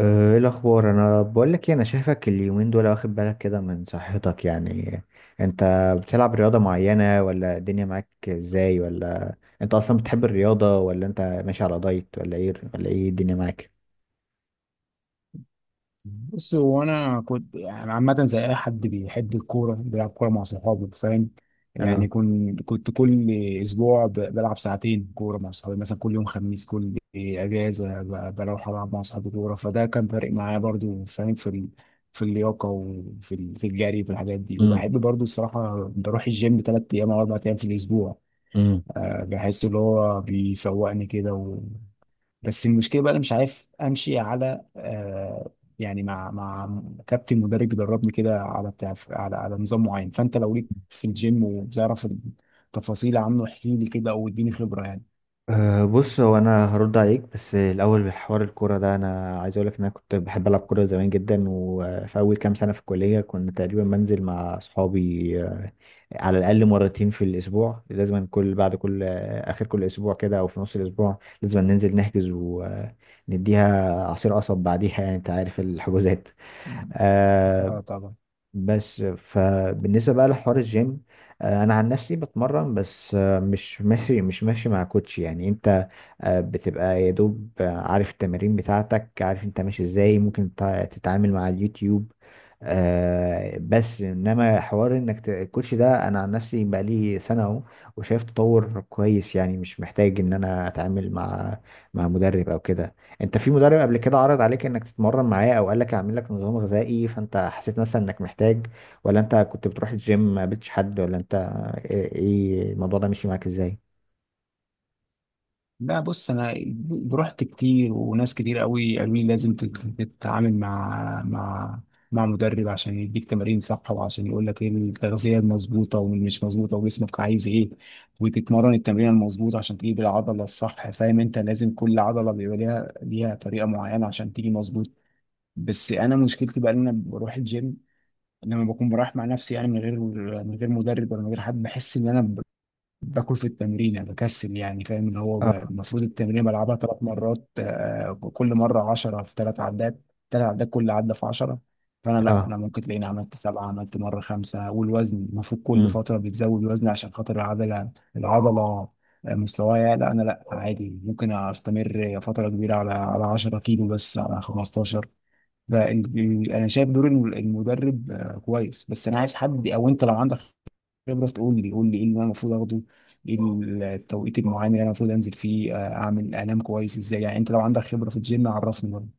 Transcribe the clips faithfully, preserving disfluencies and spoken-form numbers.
آه، ايه الاخبار؟ انا بقول لك انا شايفك اليومين دول واخد بالك كده من صحتك، يعني انت بتلعب رياضة معينة، ولا الدنيا معاك ازاي؟ ولا انت اصلا بتحب الرياضة، ولا انت ماشي على دايت، ولا ايه؟ ولا ايه الدنيا معاك؟ بص هو انا كنت يعني عامه زي اي حد بيحب الكوره بيلعب كوره مع صحابه فاهم اه. يعني كنت كنت كل اسبوع ب- بلعب ساعتين كوره مع صحابي مثلا كل يوم خميس كل اجازه ب- بروح العب مع صحابي كوره فده كان فارق معايا برضو فاهم في ال... في اللياقه وفي ال... في الجري في الحاجات دي وبحب برضو الصراحه بروح الجيم ثلاث ايام او اربع ايام في الاسبوع، امم. بحس اللي هو بيفوقني كده. بس المشكله بقى انا مش عارف امشي على آه يعني مع مع كابتن مدرب بيدربني كده على بتاع على على نظام معين. فانت لو ليك في الجيم وبتعرف التفاصيل عنه احكي لي كده او اديني خبره يعني. أه بص، هو انا هرد عليك بس الاول بحوار الكوره ده. انا عايز اقول لك ان انا كنت بحب العب كوره زمان جدا، وفي اول كام سنه في الكليه كنت تقريبا منزل مع اصحابي، آه، على الاقل مرتين في الاسبوع. لازم كل بعد كل آه، اخر كل اسبوع كده او في نص الاسبوع لازم ننزل نحجز ونديها عصير قصب بعديها. يعني انت عارف الحجوزات. أه. اه طبعا. بس فبالنسبه بقى لحوار الجيم، آه، انا عن نفسي بتمرن، بس آه، مش ماشي مش ماشي مع كوتش. يعني انت آه، بتبقى يا دوب آه، عارف التمارين بتاعتك، عارف انت ماشي ازاي، ممكن تع- تتعامل مع اليوتيوب. آه، بس انما حوار انك ت- الكوتش ده، انا عن نفسي بقالي سنة اهو وشايف تطور كويس. يعني مش محتاج ان انا اتعامل مع مع مدرب او كده. انت في مدرب قبل كده عرض عليك انك تتمرن معاه او قال لك اعمل لك نظام غذائي فانت حسيت مثلا انك محتاج؟ ولا انت كنت بتروح الجيم ما قابلتش حد؟ ولا انت ايه، إيه الموضوع ده مشي معاك ازاي؟ لا بص انا رحت كتير وناس كتير قوي قالوا لي لازم تت- تتعامل مع مع مع مدرب عشان يديك تمارين صح وعشان يقول لك ايه التغذيه المظبوطه واللي مش مظبوطه وجسمك عايز ايه، وتتمرن التمرين المظبوط عشان تجيب العضله الصح. فاهم؟ انت لازم كل عضله بيبقى ليها ليها طريقه معينه عشان تيجي مظبوط. بس انا مشكلتي بقى ان انا بروح الجيم لما بكون برايح مع نفسي يعني من غير من غير مدرب ولا من غير حد بحس ان انا باكل في التمرين يعني بكسل يعني. فاهم؟ اللي هو ب- آه. المفروض التمرين بلعبها ثلاث مرات، آه، كل مره عشرة في ثلاث عدات، ثلاث عدات كل عده في عشرة. فانا لا، اه، انا ممكن تلاقيني عملت سبعه، عملت مره خمسه. والوزن المفروض كل فتره بتزود وزن عشان خاطر العضله، العضله آه، مستواها. لا انا لا، عادي ممكن استمر فتره كبيره على على عشرة كيلو بس، على خمستاشر. فانا شايف دور الم- المدرب آه كويس، بس انا عايز حد. او انت لو عندك خبرة تقول لي، قول لي ايه اللي انا المفروض اخده، ايه ال- التوقيت المعين اللي انا المفروض انزل فيه، آه، اعمل انام كويس ازاي. يعني انت لو عندك خبرة في الجيم عرفني برضه.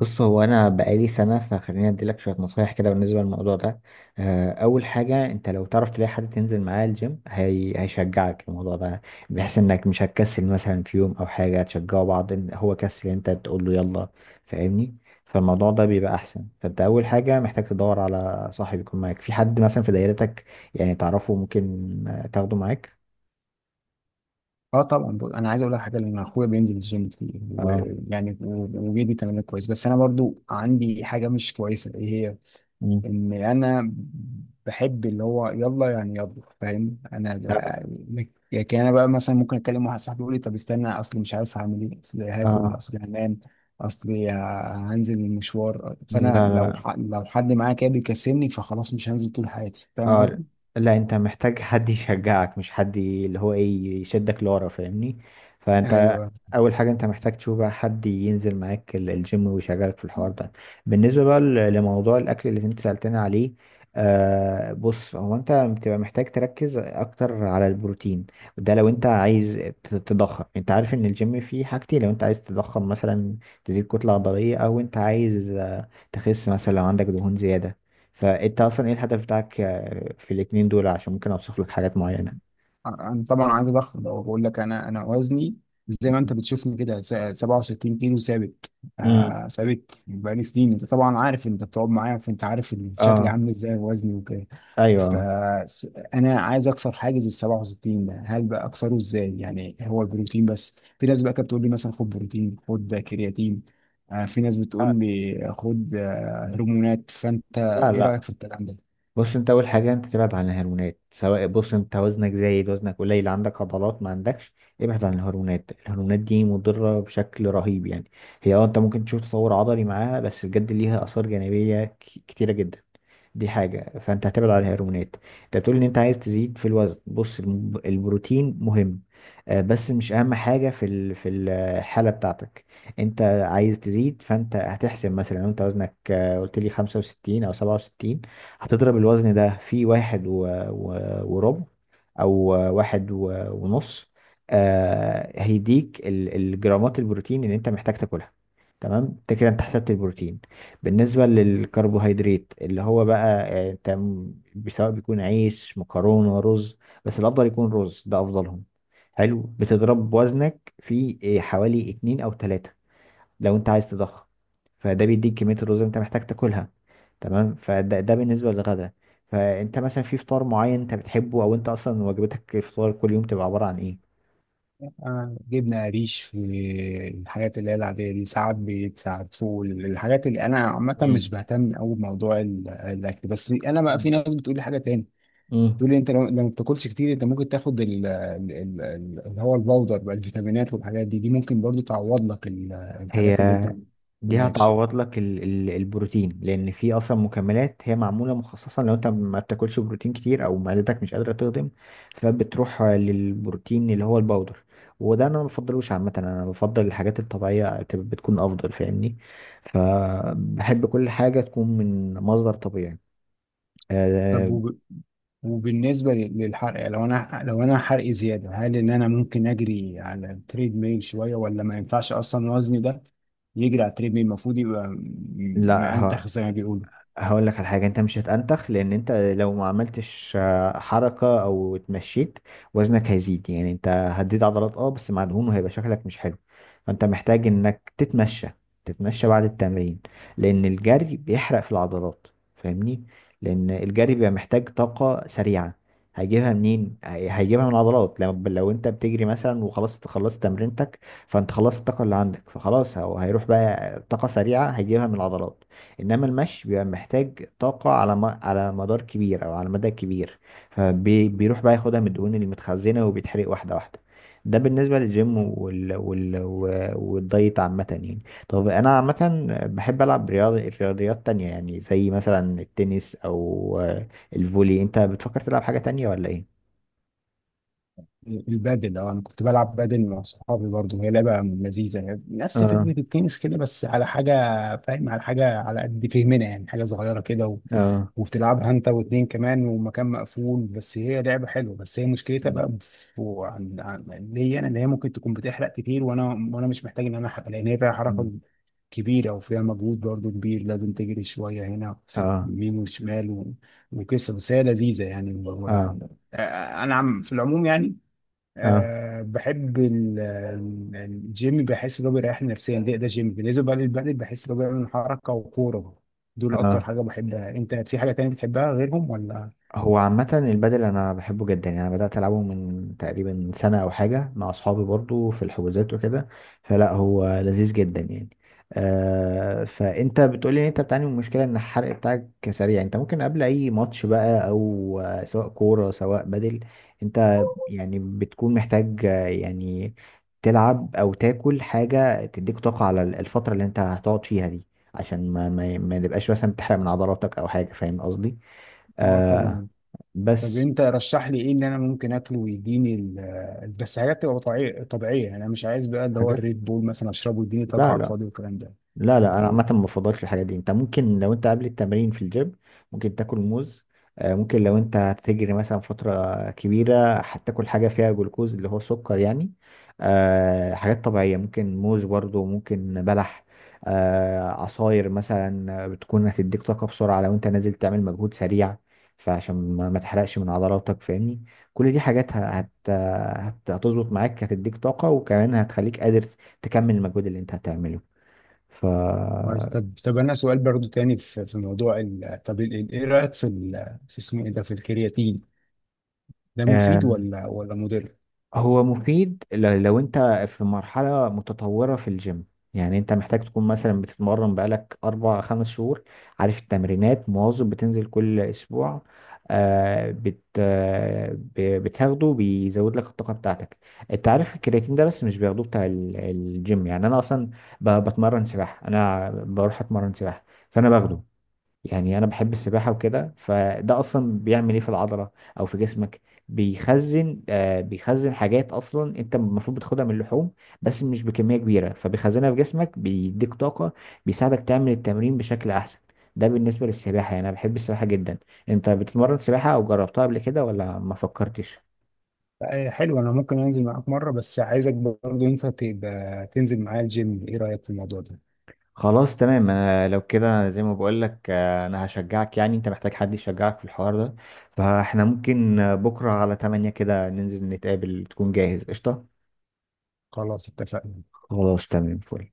بص، هو انا بقالي سنه، فخليني اديلك شويه نصايح كده بالنسبه للموضوع ده. آه، اول حاجه، انت لو تعرف تلاقي حد تنزل معاه الجيم، هي... هيشجعك الموضوع ده، بحيث انك مش هتكسل مثلا في يوم او حاجه، تشجعوا بعض، إن هو كسل انت تقول له يلا، فاهمني؟ فالموضوع ده بيبقى احسن. فانت اول حاجه محتاج تدور على صاحب يكون معاك، في حد مثلا في دايرتك يعني تعرفه، ممكن آه، تاخده معاك. اه طبعا. بقول- انا عايز اقول لك حاجه، لان اخويا بينزل الجيم كتير اه. ويعني و- وبيدي تمارين كويس، بس انا برضو عندي حاجه مش كويسه. ايه هي؟ مم. ان انا بحب اللي هو يلا يعني يلا، فاهم انا. ب- لكن انا بقى مثلا ممكن اكلم واحد صاحبي يقول لي طب استنى، اصل مش عارف هعمل ايه، اصل هاكل، اه. اصل هنام، اصل ه- هنزل المشوار. فانا لا، لو لا. ح... لو حد معايا كده بيكسلني فخلاص مش هنزل طول حياتي. فاهم اه، لا. قصدي؟ لا، انت محتاج حد يشجعك، مش حد ي- اللي هو ايه، يشدك لورا، فاهمني؟ فانت ايوه. اول حاجه انت محتاج تشوف بقى حد ينزل معاك ال- الجيم ويشجعك في الحوار ده. بالنسبه بقى ل- لموضوع الاكل اللي انت سالتني عليه، آه، بص، هو انت بتبقى محتاج تركز اكتر على البروتين. ده لو انت عايز ت- تضخم. انت عارف ان الجيم فيه حاجتين، لو انت عايز تضخم مثلا تزيد كتله عضليه، او انت عايز آه، تخس مثلا لو عندك دهون زياده. فانت اصلا ايه الهدف بتاعك آه، في الاتنين دول، عشان ممكن اوصف لك حاجات معينة. انا طبعا عايز اضخم. لو بقول لك انا، انا وزني زي ما انت بتشوفني كده، س- سبعة وستين كيلو ثابت، امم. آه ثابت بقالي سنين. انت طبعا عارف، انت بتقعد معايا فانت عارف شكلي اه. عامل ازاي وزني وكده. ايوه. فانا عايز اكسر حاجز ال سبعة وستين ده. هل بقى اكسره ازاي؟ يعني هو البروتين بس؟ في ناس بقى كانت بتقول لي مثلا خد بروتين، خد كرياتين، آه في ناس آه، بتقول لي خد آه، هرمونات. فانت لا، ايه رايك لا، في الكلام ده؟ بص، انت اول حاجه انت تبعد عن الهرمونات. سواء بص، انت وزنك زايد، وزنك قليل، عندك عضلات، ما عندكش، ابعد عن الهرمونات. الهرمونات دي مضره بشكل رهيب يعني. هي اه، انت ممكن تشوف تطور عضلي معاها، بس بجد ليها اثار جانبيه ك- كتيره جدا. دي حاجه، فانت هتبعد عن الهرمونات. انت بتقول ان انت عايز تزيد في الوزن. بص، الم- البروتين مهم، آه، بس مش اهم حاجه في ال- في الحاله بتاعتك. انت عايز تزيد، فانت هتحسب مثلا انت وزنك، آه، قلت لي خمسة وستين او سبعة وستين، هتضرب الوزن ده في واحد و... و... وربع، او واحد و... ونص. آه، هيديك ال... الجرامات البروتين اللي انت محتاج تاكلها. تمام، انت كده انت حسبت البروتين. بالنسبه للكربوهيدرات، اللي هو بقى آه، انت م- سواء بيكون عيش، مكرونه، رز، بس الافضل يكون رز، ده افضلهم. حلو، بتضرب وزنك في آه، حوالي اتنين او تلاتة لو انت عايز تضخم. فده بيديك كمية الرز اللي انت محتاج تاكلها. تمام. فده ده بالنسبة للغدا. فانت مثلا في فطار معين انت بتحبه، او انت اصلا وجبتك الفطار كل يوم تبقى عبارة عن ايه؟ آه، جبنة قريش، في الحاجات اللي هي العادية دي، ساعات بيت، ساعات فول. الحاجات اللي أنا عامة مش مم. بهتم أوي بموضوع ال- الأكل. بس أنا بقى في ناس بتقول لي حاجة تاني، تقول مم. لي أنت لو لو ما بتاكلش كتير أنت ممكن تاخد ال- ال- ال- ال- اللي هو الباودر بقى، الفيتامينات والحاجات دي، دي ممكن برضو تعوض لك ال- هي الحاجات اللي أنت ما دي بتاكلهاش. هتعوض لك ال ال البروتين، لان في اصلا مكملات هي معموله مخصصه لو انت ما بتاكلش بروتين كتير، او معدتك مش قادره تهضم، فبتروح للبروتين اللي هو الباودر. وده انا ما بفضلوش عامه، انا بفضل الحاجات الطبيعيه، تب- بتكون افضل، فاهمني؟ فبحب كل حاجه تكون من مصدر طبيعي. أه. طب وبالنسبة لل- للحرق، يعني لو انا، لو انا حرقي زيادة، هل ان انا ممكن اجري على التريد ميل شوية ولا ما ينفعش؟ اصلا وزني ده يجري على التريد ميل المفروض يبقى م- لا، مأنتخ زي ما بيقولوا. هقول لك على حاجة، انت مش هتأنتخ، لان انت لو ما عملتش آه، حركة او اتمشيت، وزنك هيزيد، يعني انت هتزيد عضلات اه بس مع دهون، وهيبقى شكلك مش حلو. فانت محتاج انك تتمشى، تتمشى بعد التمرين، لان الجري بيحرق في العضلات، فاهمني؟ لان الجري بيبقى محتاج طاقة سريعة، هيجيبها منين؟ هي- هيجيبها من العضلات. لو لو انت بتجري مثلا وخلاص خلصت تمرينتك، فانت خلصت الطاقة اللي عندك، فخلاص هو- هيروح بقى طاقة سريعة هيجيبها من العضلات. انما المشي بيبقى محتاج طاقة على م... على مدار كبير او على مدى كبير، فبيروح بقى ياخدها من الدهون المتخزنة وبيتحرق واحدة واحدة. ده بالنسبة للجيم وال... وال... و- والدايت عامة يعني. طب انا عامة بحب العب رياض... رياضيات تانية يعني، زي مثلا التنس او آه، الفولي. انت بتفكر تلعب حاجة تانية ولا ايه؟ البادل، اه انا كنت بلعب بادل مع صحابي برضه. هي لعبة لذيذة يعني، نفس اه. فكرة التنس كده بس على حاجة، فاهم، على حاجة على قد فهمنا يعني، حاجة صغيرة كده. اه. وبتلعبها انت واتنين كمان ومكان مقفول. بس هي لعبة حلوة. بس هي مشكلتها مم. بقى في عن عن ليا انا، ان هي ممكن تكون بتحرق كتير، وانا وانا مش محتاج ان انا احرق، لان هي فيها حركة مم. كبيرة وفيها مجهود برضو كبير، لازم تجري شوية هنا اه. يمين وشمال و... وقصة. بس هي لذيذة يعني و... اه. و... انا عم في العموم يعني. اه. أه بحب ال- ال- الجيم، بحس ان هو بيريحني نفسيا. ده ده جيم. بالنسبه بقى للبدل بحس ان هو بيعمل حركه وكوره. دول اكتر آه. حاجه بحبها. انت في حاجه تانية بتحبها غيرهم ولا؟ هو عامة البادل أنا بحبه جدا يعني، أنا بدأت ألعبه من تقريبا سنة أو حاجة مع أصحابي برضو في الحجوزات وكده. فلا، هو لذيذ جدا يعني. آه، فأنت بتقولي إن أنت بتعاني من مشكلة إن الحرق بتاعك سريع. أنت ممكن قبل أي ماتش بقى، أو آه، سواء كورة سواء بادل، أنت يعني بتكون محتاج آه، يعني تلعب أو تاكل حاجة تديك طاقة على الفترة اللي أنت هتقعد فيها دي، عشان ما ما ما تبقاش مثلا بتحرق من عضلاتك أو حاجة، فاهم قصدي؟ اه آه. طبعا. طب بس انت رشح لي ايه اللي انا ممكن اكله ويديني ال- بس حاجات تبقى طبيعيه، طبيعيه يعني. انا مش عايز بقى اللي هو حاجات. الريد بول مثلا اشربه ويديني طاقه لا، على لا. الفاضي والكلام ده. لا، لا، انا عامه ما بفضلش الحاجات دي. انت ممكن لو انت قبل التمرين في الجيم، ممكن تاكل موز. آه، ممكن لو انت هتجري مثلا فتره كبيره هتاكل حاجه فيها جلوكوز اللي هو سكر يعني. آه، حاجات طبيعيه، ممكن موز برضو، ممكن بلح، آه، عصاير مثلا، بتكون هتديك طاقه بسرعه لو انت نازل تعمل مجهود سريع، فعشان ما ما تحرقش من عضلاتك، فاهمني؟ كل دي حاجات ه- هت هت- هتظبط معاك، هتديك طاقه، وكمان هتخليك قادر تكمل المجهود اللي انت هتعمله. ف كويس. طب طب انا سؤال برضو تاني في في موضوع ال... طب ال- ال- ايه رايك في ال... في اسمه ايه ده، في الكرياتين ده، آه، مفيد ولا ولا مضر؟ هو مفيد ل- لو انت في مرحلة متطورة في الجيم، يعني انت محتاج تكون مثلا بتتمرن بقالك اربع خمس شهور، عارف التمرينات، مواظب بتنزل كل اسبوع، آه بت آه ب- بتاخده، بيزود لك الطاقة بتاعتك. انت عارف الكرياتين ده بس مش بياخدوه بتاع ال- الجيم. يعني انا اصلا ب- بتمرن سباحة، انا بروح اتمرن سباحة، فانا باخده. يعني انا بحب السباحه وكده. فده اصلا بيعمل ايه في العضله او في جسمك؟ بيخزن، آه بيخزن حاجات اصلا انت المفروض بتاخدها من اللحوم، بس مش بكميه كبيره، فبيخزنها في جسمك، بيديك طاقه، بيساعدك تعمل التمرين بشكل احسن. ده بالنسبه للسباحه، يعني انا بحب السباحه جدا. انت بتتمرن سباحه او جربتها قبل كده ولا ما فكرتش؟ آه، حلو. انا ممكن انزل معاك مره، بس عايزك برضه انت تبقى تنزل معايا الجيم. ايه رايك في الموضوع ده؟ خلاص، تمام، انا لو كده زي ما بقول لك انا هشجعك، يعني انت محتاج حد يشجعك في الحوار ده. فاحنا ممكن آه، بكره على تمانية كده ننزل نتقابل، تكون جاهز، قشطه. خلاص اتفقنا. خلاص تمام فل